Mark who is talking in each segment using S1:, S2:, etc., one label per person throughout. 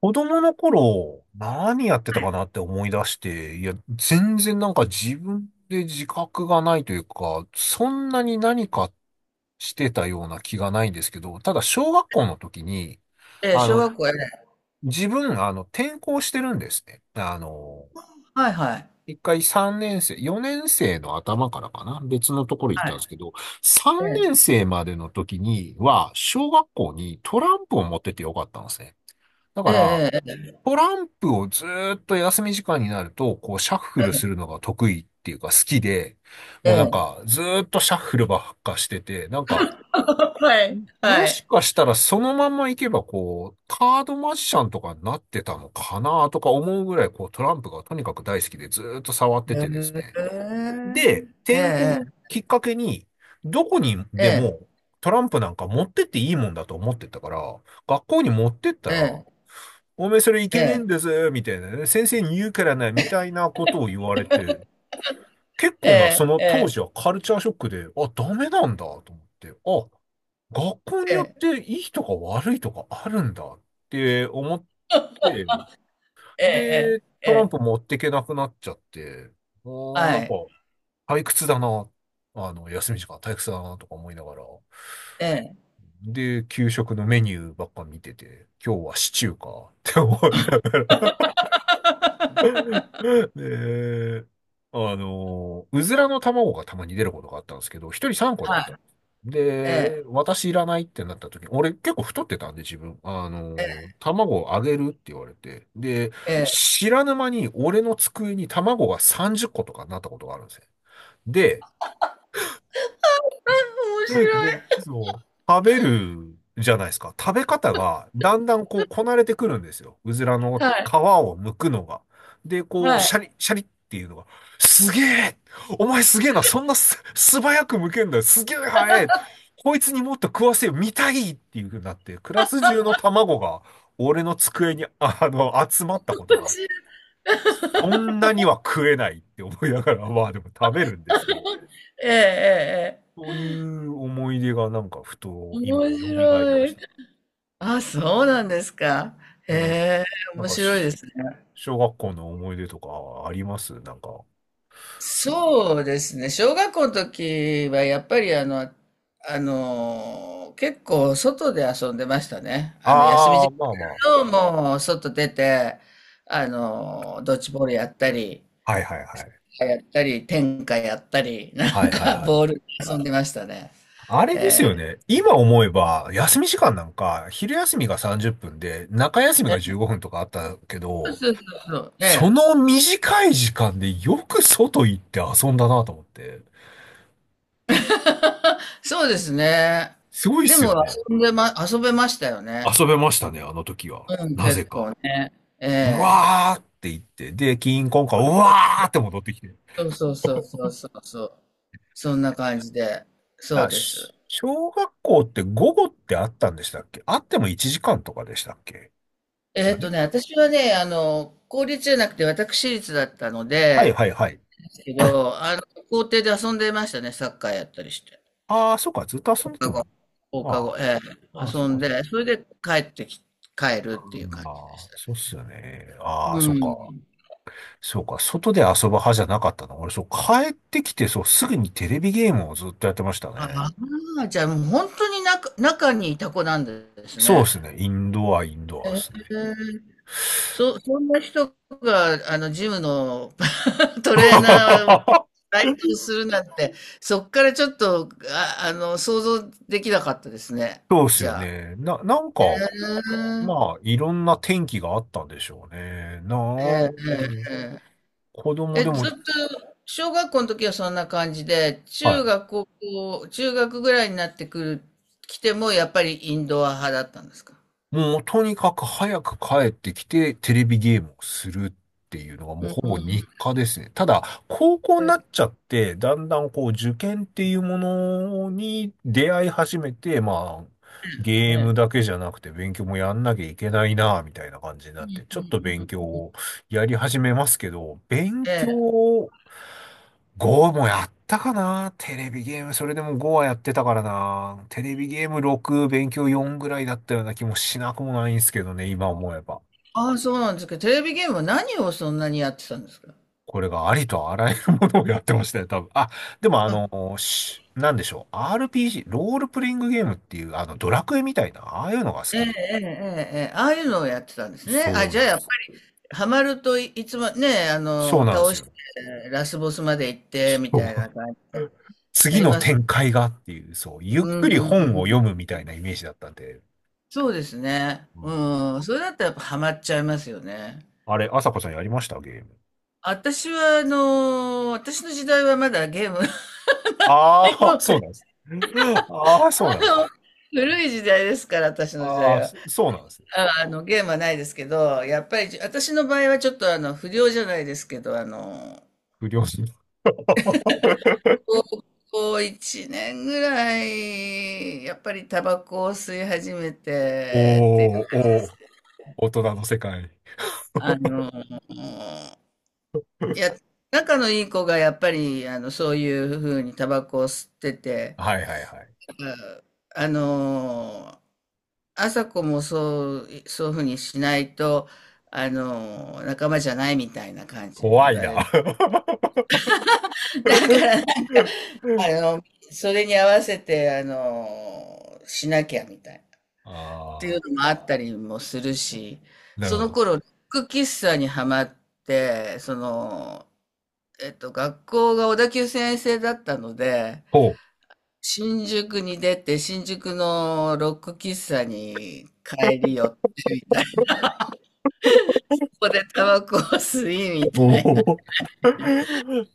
S1: 子供の頃、何やってたかなって思い出して、いや、全然なんか自分で自覚がないというか、そんなに何かしてたような気がないんですけど、ただ小学校の時に、
S2: ええ、
S1: あ
S2: 小
S1: の、
S2: 学校、ええ。
S1: 自分、転校してるんですね。
S2: はいはい。
S1: 一回3年生、4年生の頭からかな、別のところ行っ
S2: は
S1: たん
S2: い。
S1: ですけど、
S2: え
S1: 3年
S2: え。
S1: 生までの時には、小学校にトランプを持っててよかったんですね。だから、
S2: ええ
S1: トランプをずーっと休み時間になると、こう、シャッフルするのが得意っていうか好きで、
S2: え
S1: も
S2: ええ
S1: う
S2: え。え
S1: なん
S2: え。
S1: か、ずーっとシャッフルばっかしてて、なんか、
S2: はい、
S1: も
S2: は
S1: し
S2: い。
S1: かしたらそのまま行けば、こう、カードマジシャンとかになってたのかなとか思うぐらい、こう、トランプがとにかく大好きでずーっと触って
S2: へ
S1: てですね。
S2: え。
S1: で、
S2: ええ
S1: 転校
S2: え
S1: を
S2: え。
S1: きっかけに、どこに
S2: え
S1: で
S2: え
S1: もトランプなんか持ってっていいもんだと思ってたから、学校に持ってったら、おめえそれい
S2: ええ。え
S1: け
S2: え
S1: ね
S2: ええ。
S1: えん
S2: ええ。
S1: ですみたいなね。先生に言うからね、みたいなことを言われて、結構な、そ
S2: え
S1: の当時はカルチャーショックで、あ、ダメなんだと思って、あ、学校によっ
S2: え
S1: ていいとか悪いとかあるんだって思って、
S2: ええ。
S1: で、
S2: え
S1: トラン
S2: え。
S1: プ持ってけなくなっちゃって、
S2: は
S1: なんか、
S2: い。
S1: 退屈だな、休み時間退屈だなとか思いながら、
S2: ええ。
S1: で、給食のメニューばっか見てて、今日はシチューかって思いながら、で、うずらの卵がたまに出ることがあったんですけど、一人3個だ
S2: は
S1: っ
S2: い。
S1: た。
S2: え
S1: で、
S2: え。
S1: 私いらないってなった時に、俺結構太ってたんで自分、
S2: ええ
S1: 卵をあげるって言われて、で、
S2: ええ。
S1: 知らぬ間に俺の机に卵が30個とかになったことがあるんですよ。で、
S2: あ、面白
S1: で、
S2: い。
S1: そう、食べるじゃないですか。食べ方がだんだんこうこなれてくるんですよ。うずらの
S2: はい。
S1: 皮を剥くのが。で、こう、
S2: は
S1: シ
S2: い。
S1: ャリ、シャリっていうのが、すげえ、お前すげえな、そんな素早く剥けんだよ、すげえ早い、こいつにもっと食わせよ、見たいっていう風になって、クラス中の卵が俺の机に、集まったこと
S2: 面
S1: が、
S2: 白い。
S1: そんなには食えないって思いながら、まあでも食べるんですけど。
S2: ええええええ。
S1: そういう思い出がなんかふと今
S2: 面
S1: 蘇り
S2: 白
S1: まし
S2: い。
S1: た。
S2: あ、そうなんですか。へ
S1: うん、
S2: え、
S1: なん
S2: 面
S1: か
S2: 白いで
S1: し
S2: すね。
S1: 小学校の思い出とかありますなんか？
S2: そうですね。小学校の時はやっぱり結構外で遊んでましたね。休み
S1: ああ、
S2: 時
S1: まあま
S2: 間も外出て、ドッジボールやったり、
S1: あ。はいはいはい。
S2: やったり、天下やったり、な
S1: は
S2: ん
S1: いはい
S2: か
S1: はい。
S2: ボールで遊んでましたね。
S1: あれです
S2: え
S1: よ
S2: ー、
S1: ね。今思えば、休み時間なんか、昼休みが30分で、中休みが15分とかあったけ
S2: そう
S1: ど、
S2: そうそうそう。
S1: そ
S2: ね、
S1: の短い時間でよく外行って遊んだなと思って。
S2: そうですね。
S1: すごいっ
S2: で
S1: す
S2: も
S1: よね。
S2: 遊べましたよね。
S1: 遊べましたね、あの時は。
S2: うん、
S1: な
S2: 結
S1: ぜ
S2: 構
S1: か。
S2: ね。
S1: う
S2: ええ、
S1: わーって言って、で、キーンコンカン、うわーって戻ってきて。
S2: そうそうそうそうそうそう。そんな感じで、そう
S1: あ、
S2: です。
S1: 小学校って午後ってあったんでしたっけ？あっても1時間とかでしたっけ？
S2: え
S1: あ
S2: っ
S1: れ、
S2: とね、私はね、公立じゃなくて私立だったの
S1: はい
S2: で、
S1: はいはい。
S2: ですけど、校庭で遊んでましたね、サッカーやったりして。
S1: ああ、そっか、ずっと遊
S2: 放
S1: んでて
S2: 課
S1: もいい。
S2: 後、放課
S1: ま
S2: 後、ええ、
S1: あ、ああ、そ
S2: 遊
S1: っ
S2: ん
S1: かそっか。
S2: で、それで帰ってき、帰
S1: う
S2: るっていう感
S1: ん、
S2: じでし
S1: ああ、
S2: た。
S1: そうっすよね。ああ、
S2: う
S1: そっか。
S2: ん。
S1: そうか、外で遊ぶ派じゃなかったな。俺、そう、帰ってきて、そう、すぐにテレビゲームをずっとやってました
S2: あ
S1: ね。
S2: あ、じゃあもう本当に中にいた子なんです
S1: そうで
S2: ね。
S1: すね。インドアで
S2: え
S1: すね。
S2: え、そんな人が、あの、ジムの トレーナー 該当するなんて、そっからちょっと、想像できなかったですね。
S1: そうです
S2: じ
S1: よ
S2: ゃあ。
S1: ね。なんか、
S2: うーん。
S1: まあ、いろんな天気があったんでしょうね。な
S2: え
S1: あ、う
S2: え、ええ、
S1: ん、
S2: え
S1: 子
S2: え。
S1: 供
S2: え、
S1: で
S2: ずっ
S1: も、
S2: と、小学校の時はそんな感じで、
S1: はい。
S2: 中学ぐらいになってくる、来ても、やっぱりインドア派だったんですか？
S1: もう、とにかく早く帰ってきて、テレビゲームをするっていうのがもう
S2: うん。
S1: ほぼ日課ですね。ただ、高校
S2: え
S1: になっ
S2: え、
S1: ちゃって、だんだんこう、受験っていうものに出会い始めて、まあ、
S2: え
S1: ゲーム
S2: え。
S1: だけじゃなくて勉強もやんなきゃいけないな、みたいな感じにな
S2: う
S1: っ
S2: ん
S1: て、ち
S2: う
S1: ょっ
S2: ん
S1: と勉強
S2: うん。
S1: をやり始めますけど、勉
S2: ええ。
S1: 強5もやったかな、テレビゲーム、それでも5はやってたからな。テレビゲーム6、勉強4ぐらいだったような気もしなくもないんですけどね、今思えば。
S2: ああ、そうなんですか。テレビゲームは何をそんなにやってたんですか？
S1: これがありとあらゆるものをやってましたよ、多分。あ、でもあ
S2: あ、
S1: の、なんでしょう。RPG、ロールプレイングゲームっていう、ドラクエみたいな、ああいうのが好
S2: ええ、
S1: きで。
S2: ええ、ええ、ええ、ああいうのをやってたんですね。あ、
S1: そう
S2: じ
S1: なん
S2: ゃ
S1: で
S2: あ、
S1: す。
S2: ハマるとい、いつもね、あ
S1: そ
S2: の、
S1: うなんで
S2: 倒
S1: す
S2: し
S1: よ。
S2: て、ラスボスまで行って、み
S1: そ
S2: たいな感じ
S1: う。
S2: で、あ
S1: 次
S2: り
S1: の
S2: ます。
S1: 展開がっていう、そう、ゆっ
S2: うん
S1: くり
S2: う
S1: 本
S2: んう
S1: を
S2: ん。
S1: 読むみたいなイメージだったんで。
S2: そうですね。
S1: うん、
S2: うん。それだったらやっぱハマっちゃいますよね。
S1: あれ、朝子さんやりましたゲーム？
S2: 私は、あの、私の時代はまだゲームがない
S1: ああ、
S2: の
S1: そう
S2: で、
S1: なんです。ああ、そうな んです
S2: あ
S1: ね。
S2: の、古い時代ですから、私の時
S1: あ
S2: 代
S1: あ、
S2: は。
S1: そうなんですね。
S2: あ、あの、ゲームはないですけど、やっぱり、私の場合はちょっとあの、不良じゃないですけど、あの、
S1: 不良心。
S2: 高 校1年ぐらい、やっぱりタバコを吸い始めてって、
S1: おー、おー、大人の世界。
S2: あの、いや、仲のいい子がやっぱり、あの、そういうふうにタバコを吸ってて、
S1: はいはいはい。
S2: あ、あの、朝子もそう、そういうふうにしないと、あの、仲間じゃないみたいな感じで
S1: 怖
S2: 言
S1: い
S2: われる。
S1: な。
S2: だから、あ の、それに合わせて、あの、しなきゃみたいな。っていう
S1: ああ、
S2: のもあったりもするし、
S1: なる
S2: そ
S1: ほ
S2: の
S1: ど。
S2: 頃、ロック喫茶にはまって、その、えっと、学校が小田急線制だったので、
S1: ほう。
S2: 新宿に出て、新宿のロック喫茶に帰り寄ってみたいな。ここでタバコを吸いみたいな。
S1: おー、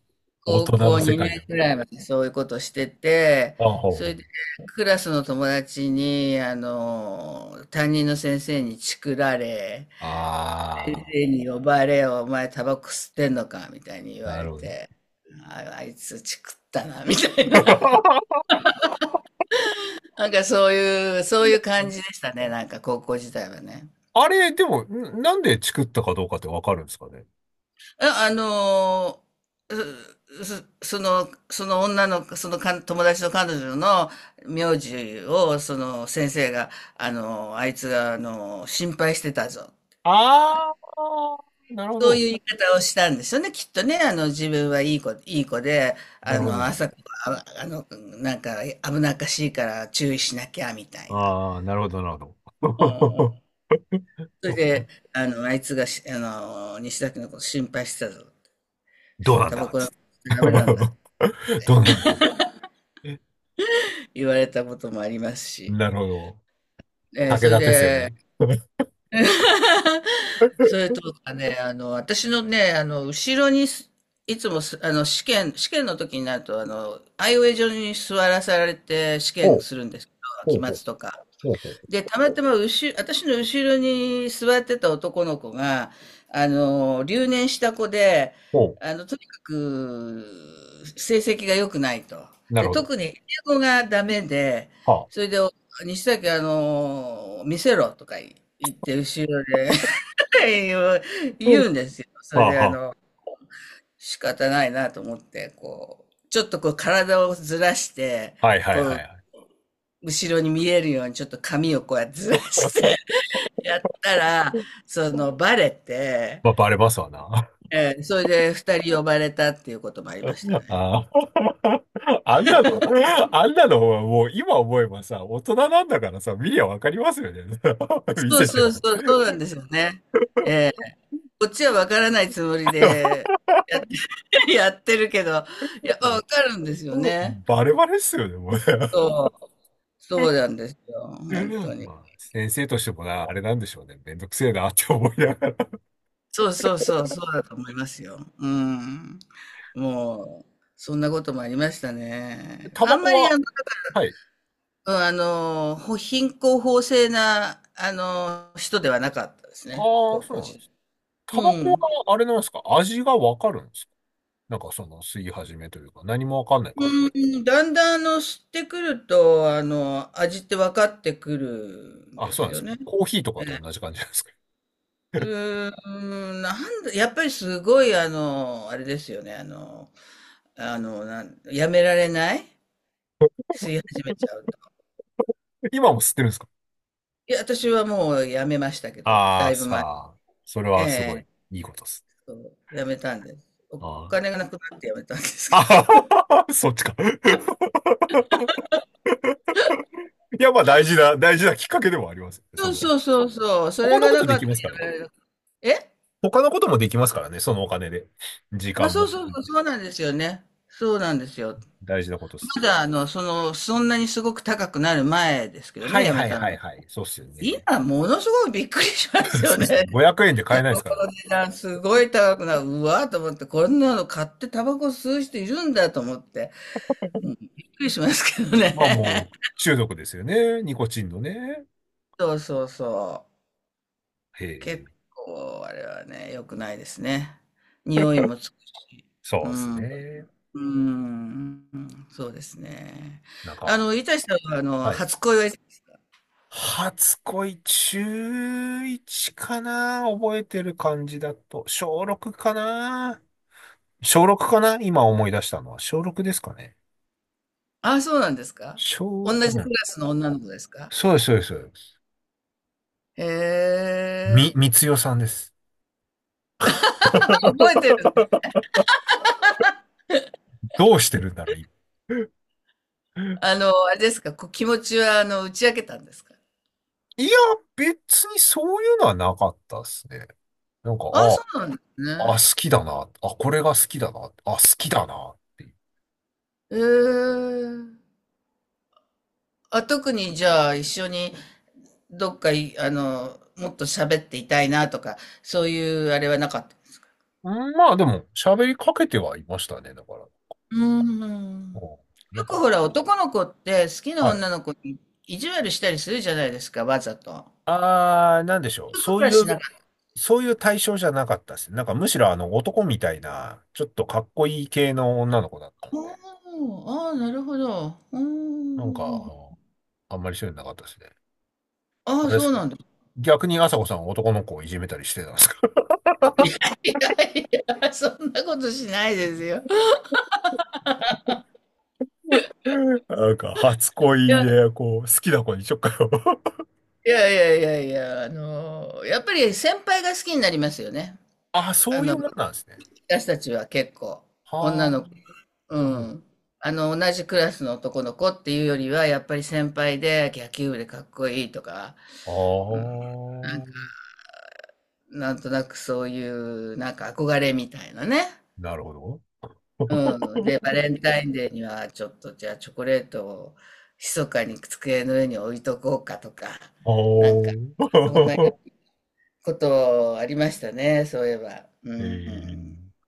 S1: 大
S2: 高
S1: 人の
S2: 校
S1: 世
S2: 2
S1: 界
S2: 年
S1: だ。
S2: くらいまでそういうことしてて、
S1: ああ、ほう
S2: それ
S1: ほ
S2: で
S1: う。
S2: クラスの友達に、あの、担任の先生にチクられ、先
S1: あ
S2: 生に呼ばれよ、お前タバコ吸ってんのかみたいに言
S1: あ、
S2: わ
S1: な
S2: れ
S1: るほど。
S2: て、あ、あいつチクったな、みたいな。なんかそういう、そういう感じでしたね、なんか高校時代はね。
S1: あれ、でも、なんでチクったかどうかってわかるんですかね？
S2: あ、ーその女の、そのか友達の彼女の名字を、その先生が、あのあいつが、あの心配してたぞ。
S1: ああ、なるほ
S2: そうい
S1: ど。
S2: う言い方をしたんですよね、きっとね。あの、自分はいい子、いい子で、
S1: な
S2: あ
S1: るほ
S2: の、
S1: ど。
S2: 朝から、あ、あの、なんか危なっかしいから注意しなきゃ、みたいな。
S1: ああ、なるほど、なるほ
S2: うんうん。
S1: ど。
S2: そ れで、あの、あいつがし、あの、西崎のこと心配してたぞ。
S1: どうなん
S2: タバ
S1: だ
S2: コ
S1: つっ
S2: は
S1: て。
S2: ダメなんだ。
S1: どうなんだ、
S2: 言われたこともありますし。
S1: なるほど。
S2: えー、そ
S1: 武
S2: れ
S1: 田鉄矢の。
S2: で、それとかね、あの、私のね、あの、後ろにす、いつもす、あの、試験の時になると、あの、アイウェイ上に座らされて試
S1: ほ
S2: 験
S1: う、
S2: するんですけど、
S1: ほ
S2: 期
S1: うほう、
S2: 末とか。
S1: ほうほう、
S2: で、たまたま、私の後ろに座ってた男の子が、あの、留年した子で、
S1: ほ
S2: あの、とにかく、成績が良くないと。
S1: う。なる
S2: で、
S1: ほど。
S2: 特に英語がダメで、
S1: は
S2: そ
S1: あ。
S2: れで、西崎、あの、見せろとか言って、後ろで、いを
S1: うん、
S2: 言うんですよ。それ
S1: はあ、
S2: で、あ
S1: は
S2: の、仕方ないなと思って、こう、ちょっとこう体をずらして、
S1: あ。はいはいは
S2: こ
S1: い
S2: う、
S1: は
S2: 後ろに見えるようにちょっと髪をこうやってずらして やったら、
S1: い。うん、
S2: その、バレて、
S1: まあ、バレますわな。
S2: ええ、それで二人呼ばれたっていうこともありました ね。
S1: ああ。あんなの、あんなのはもう今思えばさ、大人なんだからさ、見りゃわかりますよね。見
S2: そう
S1: せて
S2: そう
S1: る
S2: そう、そうなんですよね。ええ、こっちはわからないつもりで、やって やってるけど、
S1: の。
S2: やっぱわ かるんですよ
S1: もう
S2: ね。
S1: バレバレっすよね、もう。
S2: そう。そうなんですよ、本当 に。
S1: まあ、先生としてもな、あれなんでしょうね。めんどくせえなって思いながら。
S2: そうそうそう、そうだと思いますよ。うん。もう、そんなこともありましたね。
S1: タ
S2: あ
S1: バ
S2: ん
S1: コ
S2: まり
S1: は、
S2: あの、
S1: はい。
S2: うん、あの、ほ貧困法制な、あの、人ではなかったですね、
S1: ああ、
S2: 高
S1: そう
S2: 校
S1: なんで
S2: 時
S1: す。タ
S2: 代。
S1: バ
S2: う
S1: コは、
S2: ん。
S1: あれなんですか、味がわかるんですか？なんかその吸い始めというか、何もわかんない感じなんです
S2: うん、だんだんあの、知ってくると、あの、味って分かってくるん
S1: か？あ、
S2: で
S1: そうな
S2: す
S1: んです
S2: よ
S1: よ。
S2: ね。
S1: コーヒーとかと同じ感じなんですか？
S2: う ーん、なんだ、やっぱりすごい、あの、あれですよね、なん、やめられない吸い始めちゃう。
S1: 今も吸ってるんですか？
S2: いや、私はもう辞めましたけど、
S1: あ
S2: だ
S1: あ、
S2: いぶ前。
S1: さあ、それ
S2: え
S1: はすごい、
S2: え、
S1: いいことです。
S2: そう、辞めたんです。お
S1: あ
S2: 金がなくなって辞めたんですけど。
S1: ああ そっちか。いや、まあ大事な、大事なきっかけでもありますよね。そ
S2: そ
S1: ん
S2: う
S1: な。
S2: そうそうそう、そ
S1: 他
S2: れ
S1: の
S2: が
S1: こ
S2: な
S1: と
S2: か
S1: で
S2: っ
S1: きますからね。
S2: たら辞められな、え？
S1: 他のこともできますからね、そのお金で。時
S2: あ、
S1: 間
S2: そう
S1: も。
S2: そうそう、そうなんですよね。そうなんですよ。
S1: 大事なことです。
S2: まだあの、その、そんなにすごく高くなる前ですけど
S1: は
S2: ね、
S1: い
S2: 辞め
S1: はい
S2: た
S1: はい
S2: の。
S1: はい。そうっすよね。
S2: 今ものすごいびっくりしま す
S1: そ
S2: よ
S1: うっ
S2: ね。
S1: すね、500円で買え ないで
S2: こ
S1: すからね。
S2: の値段すごい高くなる。うわーと思って、こんなの買ってタバコ吸う人いるんだと思って、うん、びっくりしますけど
S1: まあもう、
S2: ね。
S1: 中毒ですよね。ニコチンのね。
S2: そうそうそう。
S1: へ
S2: 結
S1: え、
S2: 構あれはね、良くないですね。匂いもつくし。
S1: そ
S2: う
S1: うです
S2: ん。う
S1: ね。
S2: ーん。そうですね。
S1: なん
S2: あ
S1: か、
S2: の、いたしさんは、あの、
S1: はい。
S2: 初恋は？
S1: 初恋、中1かな、覚えてる感じだと。小6かな、小6かな、今思い出したのは。小6ですかね。
S2: ああ、そうなんですか。同
S1: う
S2: じク
S1: ん。
S2: ラスの女の子ですか？
S1: そうです、そうです。そうです。
S2: へえ。
S1: みつよさんです。
S2: あ、覚えてる。
S1: どうしてるんだろう。
S2: あの、あれですか、こう気持ちは、あの、打ち明けたんですか？
S1: いいや、別にそういうのはなかったですね。なんか、
S2: ああ、そうなんです
S1: あ、あ、
S2: ね。
S1: 好きだな。あ、これが好きだな。あ、好きだなっていう。
S2: へえ。あ、特にじゃあ、一緒にどっかい、あの、もっと喋っていたいなとか、そういうあれはなかった。
S1: うん、まあでも、喋りかけてはいましたね、だから。う
S2: うーん。
S1: ん、な
S2: よ
S1: ん
S2: く
S1: か、
S2: ほら、男の子って好きな
S1: はい。
S2: 女の子に意地悪したりするじゃないですか、わざと。そ
S1: あー、なんでしょう。
S2: ういうこ
S1: そう
S2: とは
S1: いう、
S2: しなかった。
S1: そういう対象じゃなかったですね。なんかむしろあの男みたいな、ちょっとかっこいい系の女の子だったんで。
S2: あああ、なるほど。うー
S1: なんか、
S2: ん。
S1: あんまりそういうのなかったですね。
S2: あ
S1: あ
S2: あ、
S1: れで
S2: そ
S1: す
S2: う
S1: か、
S2: なんだ。
S1: 逆に朝子さんは男の子をいじめたりしてたんですか？
S2: いやいそんなことしないですよ。
S1: なんか、初
S2: い
S1: 恋
S2: や、い
S1: で、こう、好きな子にしょっかよ。
S2: あのー、やっぱり先輩が好きになりますよね。
S1: あ、
S2: あ
S1: そうい
S2: の、
S1: うもんなんですね。
S2: 私たちは結構、
S1: は
S2: 女
S1: あ、
S2: の子、う
S1: なるほど。
S2: ん。あの、同じクラスの男の子っていうよりは、やっぱり先輩で野球部でかっこいいとか、うん、
S1: あ
S2: なんとなくそういうなんか憧れみたいなね。
S1: あ、なるほど。
S2: うん。で、バレンタインデーにはちょっとじゃあチョコレートを密かに机の上に置いとこうかとか、なんか
S1: あ
S2: そんな
S1: あ。
S2: ことありましたね、そういえば。う ん。
S1: ええ。